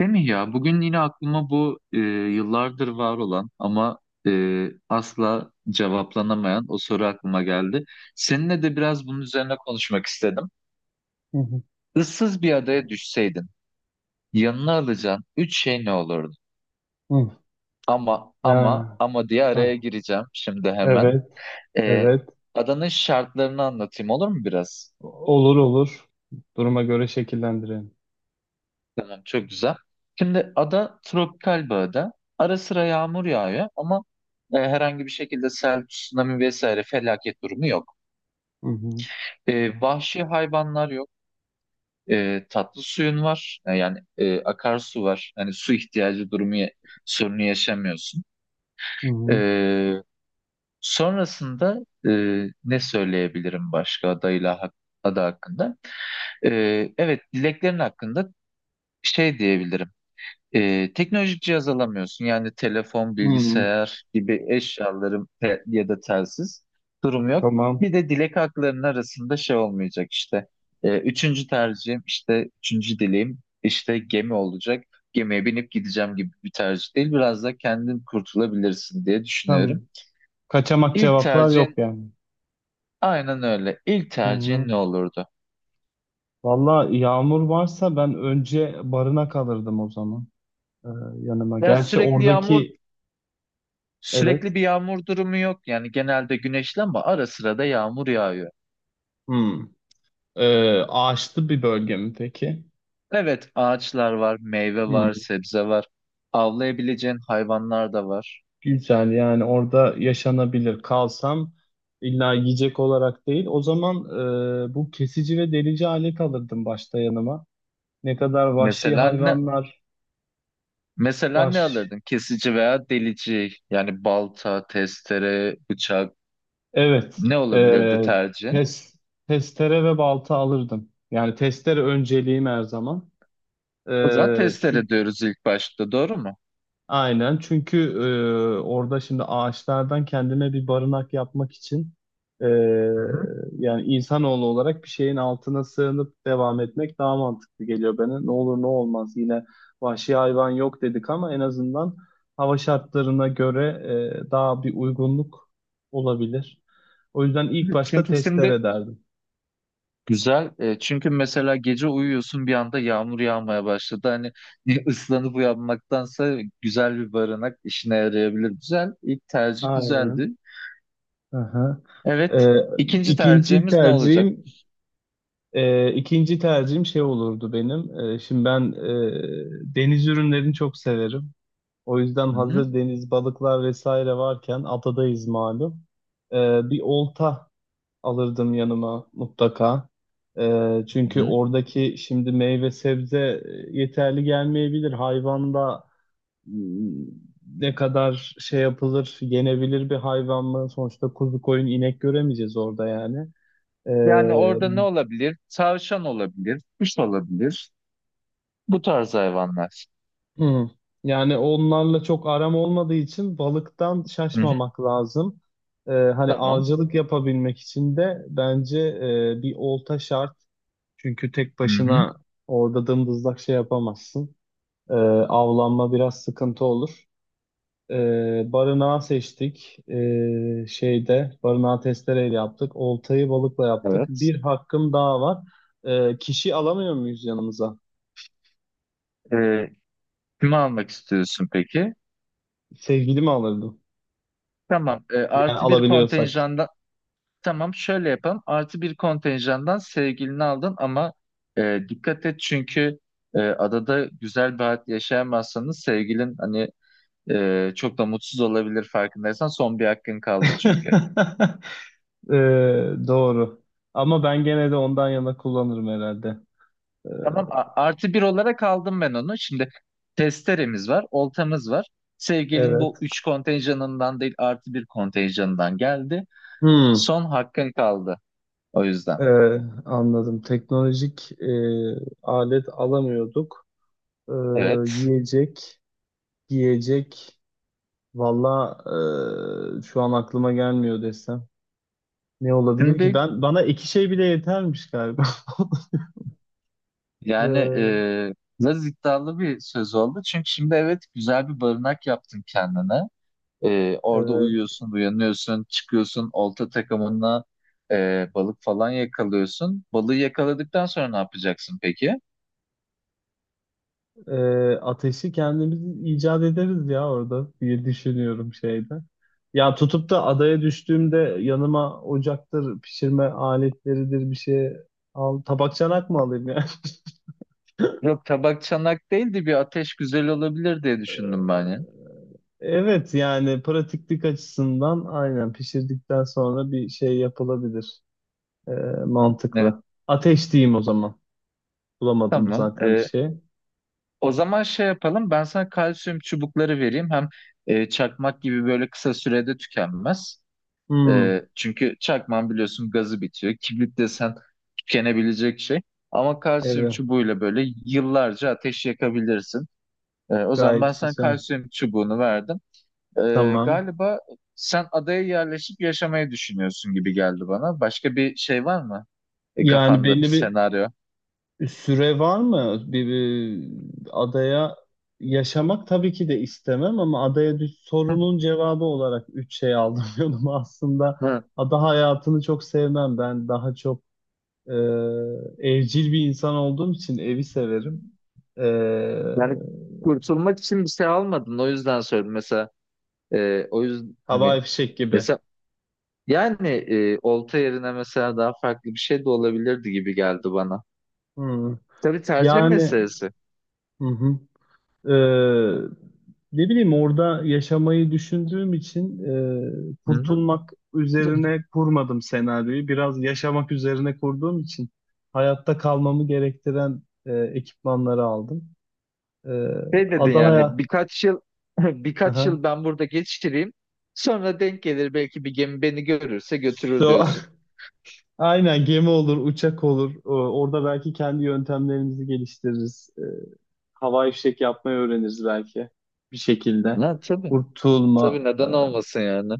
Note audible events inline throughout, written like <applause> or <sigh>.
Değil mi ya? Bugün yine aklıma bu yıllardır var olan ama asla cevaplanamayan o soru aklıma geldi. Seninle de biraz bunun üzerine konuşmak istedim. Hı hı. Issız bir adaya düşseydin, yanına alacağın üç şey ne olurdu? Hı. Ama ama Ya. ama diye araya Ha. gireceğim şimdi hemen. Evet. E, Evet. Adanın şartlarını anlatayım olur mu biraz? Olur olur. Duruma göre şekillendirelim. Tamam, çok güzel. Şimdi ada tropikal bir ada. Ara sıra yağmur yağıyor ama herhangi bir şekilde sel, tsunami vesaire felaket durumu yok. Hı hı. Vahşi hayvanlar yok. Tatlı suyun var. Yani akarsu var. Hani su ihtiyacı durumu sorunu yaşamıyorsun. Hı E, hı. Sonrasında e, ne söyleyebilirim başka ada hakkında? E, evet, dileklerin hakkında şey diyebilirim. Teknolojik cihaz alamıyorsun. Yani telefon, Hı. bilgisayar gibi eşyaların ya da telsiz durum yok. Tamam. Bir de dilek haklarının arasında şey olmayacak işte. Üçüncü tercihim işte üçüncü dileğim işte gemi olacak. Gemiye binip gideceğim gibi bir tercih değil. Biraz da kendin kurtulabilirsin diye Tamam. düşünüyorum. Kaçamak İlk cevaplar yok tercihin yani. aynen öyle. İlk Hı tercihin hı. ne olurdu? Valla yağmur varsa ben önce barına kalırdım o zaman. Ee, Yanıma. Ya Gerçi sürekli yağmur, oradaki, evet. sürekli bir yağmur durumu yok. Yani genelde güneşli ama ara sıra da yağmur yağıyor. Hı. Ağaçlı bir bölge mi peki? Evet, ağaçlar var, meyve var, sebze var. Avlayabileceğin hayvanlar da var. Güzel yani orada yaşanabilir. Kalsam illa yiyecek olarak değil. O zaman bu kesici ve delici alet alırdım başta yanıma. Ne kadar vahşi Mesela ne hayvanlar mesela ne var. alırdın? Kesici veya delici. Yani balta, testere, bıçak Evet. ne olabilirdi tercihin? tes, testere ve balta alırdım. Yani testere önceliğim her zaman. E, O zaman testere çünkü diyoruz ilk başta, doğru mu? Aynen çünkü orada şimdi ağaçlardan kendine bir barınak yapmak için e, Hı hı. yani insanoğlu olarak bir şeyin altına sığınıp devam etmek daha mantıklı geliyor bana. Ne olur ne olmaz yine vahşi hayvan yok dedik ama en azından hava şartlarına göre daha bir uygunluk olabilir. O yüzden ilk Evet, başta çünkü şimdi testere derdim. güzel. Çünkü mesela gece uyuyorsun, bir anda yağmur yağmaya başladı. Hani <laughs> ıslanıp uyanmaktansa güzel bir barınak işine yarayabilir. Güzel. İlk tercih Aynen. güzeldi. Aha. E, Evet. İkinci ikinci tercihimiz ne tercihim olacak? E, ikinci tercihim şey olurdu benim. Şimdi ben deniz ürünlerini çok severim. O yüzden Hı hı. hazır deniz balıklar vesaire varken adadayız malum. E, Bir olta alırdım yanıma mutlaka. Hı Çünkü hı. oradaki şimdi meyve sebze yeterli gelmeyebilir. Hayvanda ne kadar şey yapılır, yenebilir bir hayvan mı? Sonuçta kuzu koyun inek göremeyeceğiz orada yani. Yani Ee, orada ne olabilir? Tavşan olabilir, kuş olabilir. Bu tarz hayvanlar. Hı. Yani onlarla çok aram olmadığı için balıktan Hı hı. şaşmamak lazım. Hani Tamam. avcılık yapabilmek için de bence bir olta şart. Çünkü tek Hı hı. başına orada dımdızlak şey yapamazsın. Ee, Avlanma biraz sıkıntı olur. Barınağı seçtik. Şeyde barınağı testereyle yaptık. Oltayı balıkla yaptık. Evet. Bir hakkım daha var. Kişi alamıyor muyuz yanımıza? Ee, Kimi almak istiyorsun peki? Sevgili mi alırdım? Tamam. Yani Artı bir alabiliyorsak. kontenjandan Tamam, şöyle yapalım. Artı bir kontenjandan sevgilini aldın ama dikkat et, çünkü adada güzel bir hayat yaşayamazsanız sevgilin hani çok da mutsuz olabilir, farkındaysan son bir hakkın kaldı çünkü. <laughs> Doğru. Ama ben gene de ondan yana kullanırım herhalde. Ee, Tamam, artı bir olarak aldım ben onu. Şimdi testeremiz var, oltamız var. Sevgilin evet. bu üç kontenjanından değil artı bir kontenjanından geldi. Hmm. Son hakkın kaldı o yüzden. Ee, Anladım. Teknolojik alet alamıyorduk. Ee, Evet. Yiyecek, giyecek. Valla şu an aklıma gelmiyor desem. Ne olabilir ki? Şimdi Ben bana iki şey bile yetermiş galiba. <laughs> yani Ee, biraz iddialı bir söz oldu. Çünkü şimdi evet, güzel bir barınak yaptın kendine. Orada evet. uyuyorsun, uyanıyorsun, çıkıyorsun, olta takımına balık falan yakalıyorsun. Balığı yakaladıktan sonra ne yapacaksın peki? e, Ateşi kendimiz icat ederiz ya orada diye düşünüyorum şeyde. Ya tutup da adaya düştüğümde yanıma ocaktır, pişirme aletleridir bir şey al. Tabak çanak mı alayım ya? <laughs> Yok, tabak çanak değildi, bir ateş güzel olabilir diye düşündüm ben ya. Evet yani pratiklik açısından aynen pişirdikten sonra bir şey yapılabilir. E, Evet, Mantıklı. Ateş diyeyim o zaman. Bulamadım tamam. zaten bir şey. O zaman şey yapalım, ben sana kalsiyum çubukları vereyim. Hem çakmak gibi böyle kısa sürede tükenmez. Hmm, Çünkü çakman biliyorsun gazı bitiyor. Kibrit desen tükenebilecek şey. Ama kalsiyum evet çubuğuyla böyle yıllarca ateş yakabilirsin. O zaman ben gayet sana güzel. kalsiyum çubuğunu verdim. Tamam. Galiba sen adaya yerleşip yaşamayı düşünüyorsun gibi geldi bana. Başka bir şey var mı? Yani Kafanda bir belli bir senaryo. süre var mı? Bir adaya yaşamak tabii ki de istemem ama adaya düş Hı. sorunun cevabı olarak üç şey aldım <laughs> yanıma aslında. Hı. Ada hayatını çok sevmem. Ben daha çok e, evcil bir insan olduğum için evi severim. E, Yani kurtulmak için bir şey almadın. O yüzden söyledim. Mesela o yüzden hani Havai fişek gibi. mesela yani olta yerine mesela daha farklı bir şey de olabilirdi gibi geldi bana. Hı. Tabii tercih Yani meselesi. hı hı. Ee, Ne bileyim orada yaşamayı düşündüğüm için Hı hı. kurtulmak <laughs> üzerine kurmadım senaryoyu. Biraz yaşamak üzerine kurduğum için hayatta kalmamı gerektiren ekipmanları aldım. Ee, Şey dedin Ada yani hayat... birkaç yıl <laughs> birkaç Aha. yıl ben burada geçireyim. Sonra denk gelir belki, bir gemi beni görürse götürür So, <laughs> diyorsun. aynen gemi olur, uçak olur. Orada belki kendi yöntemlerimizi geliştiririz. Hava ifşek yapmayı öğreniriz belki bir şekilde. Ha, tabii. Kurtulma, Tabii, neden olmasın yani.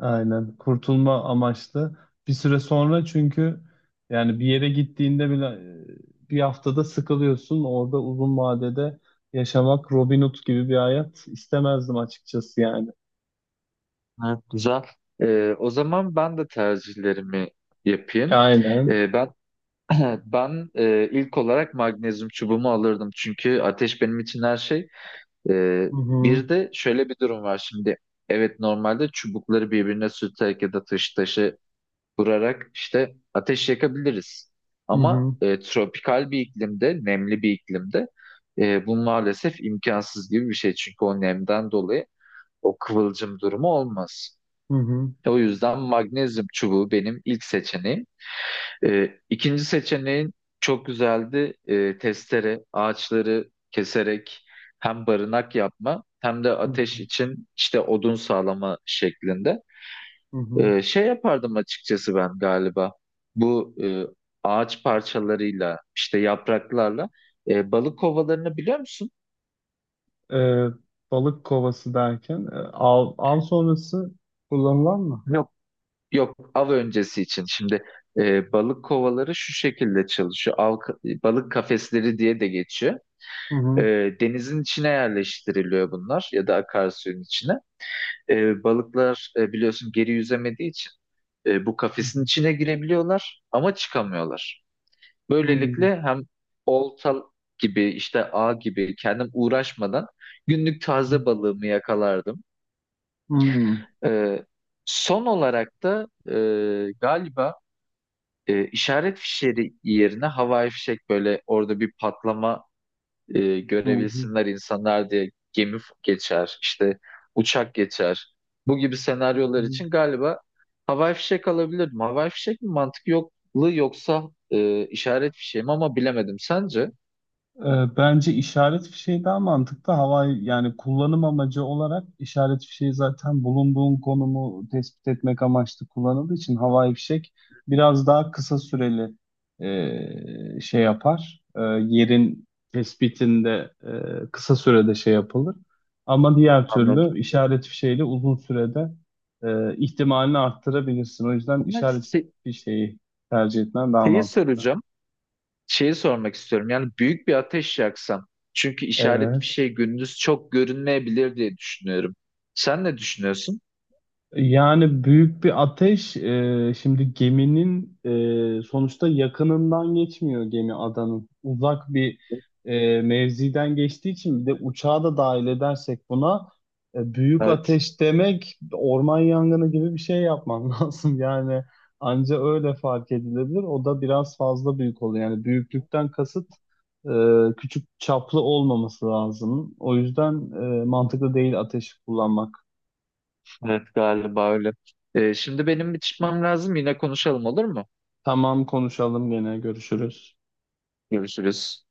aynen. Kurtulma amaçlı. Bir süre sonra çünkü yani bir yere gittiğinde bile bir haftada sıkılıyorsun. Orada uzun vadede yaşamak Robin Hood gibi bir hayat istemezdim açıkçası yani. Evet, güzel. O zaman ben de tercihlerimi yapayım. Aynen. Ben <clears throat> ilk olarak magnezyum çubuğumu alırdım çünkü ateş benim için her şey. Ee, Hı hı. Bir de şöyle bir durum var şimdi. Evet, normalde çubukları birbirine sürterek ya da taşı vurarak işte ateş yakabiliriz. Hı Ama hı. Tropikal bir iklimde, nemli bir iklimde bu maalesef imkansız gibi bir şey. Çünkü o nemden dolayı o kıvılcım durumu olmaz. Hı hı. O yüzden magnezyum çubuğu benim ilk seçeneğim. İkinci seçeneğin çok güzeldi. Testere, ağaçları keserek hem barınak yapma hem de Hı ateş hı. için işte odun sağlama şeklinde. Hı hı. Şey yapardım açıkçası ben galiba. Bu ağaç parçalarıyla işte yapraklarla balık kovalarını biliyor musun? Ee, Balık kovası derken av, av sonrası kullanılan mı? Yok, av öncesi için. Şimdi balık kovaları şu şekilde çalışıyor. Av, balık kafesleri diye de geçiyor. Hı E, hı. Denizin içine yerleştiriliyor bunlar ya da akarsuyun içine. Balıklar biliyorsun geri yüzemediği için bu Hı kafesin hı. içine girebiliyorlar ama çıkamıyorlar. Hı Böylelikle hem olta gibi işte ağ gibi kendim uğraşmadan günlük taze balığımı yakalardım. hı. Hı hı. E, Son olarak da galiba işaret fişleri yerine havai fişek, böyle orada bir patlama görebilsinler insanlar diye, geçer, işte uçak geçer. Bu gibi Hı senaryolar hı. için galiba havai fişek alabilirdim. Havai fişek mi mantık yokluğu, yoksa işaret fişeği mi, ama bilemedim. Sence? Bence işaret fişeği daha mantıklı. Havai yani kullanım amacı olarak işaret fişeği zaten bulunduğun konumu tespit etmek amaçlı kullanıldığı için havai fişek biraz daha kısa süreli şey yapar. Yerin tespitinde kısa sürede şey yapılır. Ama diğer Anladım. türlü işaret fişeğiyle uzun sürede ihtimalini arttırabilirsin. O yüzden Bunlar işaret se- fişeği tercih etmen daha Şeyi mantıklı. soracağım. Şeyi sormak istiyorum. Yani büyük bir ateş yaksam. Çünkü işaret Evet. fişeği gündüz çok görünmeyebilir diye düşünüyorum. Sen ne düşünüyorsun? Yani büyük bir ateş. Şimdi geminin sonuçta yakınından geçmiyor gemi adanın. Uzak bir mevziden geçtiği için bir de uçağı da dahil edersek buna büyük Evet. ateş demek orman yangını gibi bir şey yapman <laughs> lazım. Yani anca öyle fark edilebilir. O da biraz fazla büyük oluyor. Yani büyüklükten kasıt e, küçük çaplı olmaması lazım. O yüzden mantıklı değil ateş kullanmak. Evet, galiba öyle. Şimdi benim bir çıkmam lazım. Yine konuşalım, olur mu? Tamam konuşalım gene görüşürüz. Görüşürüz.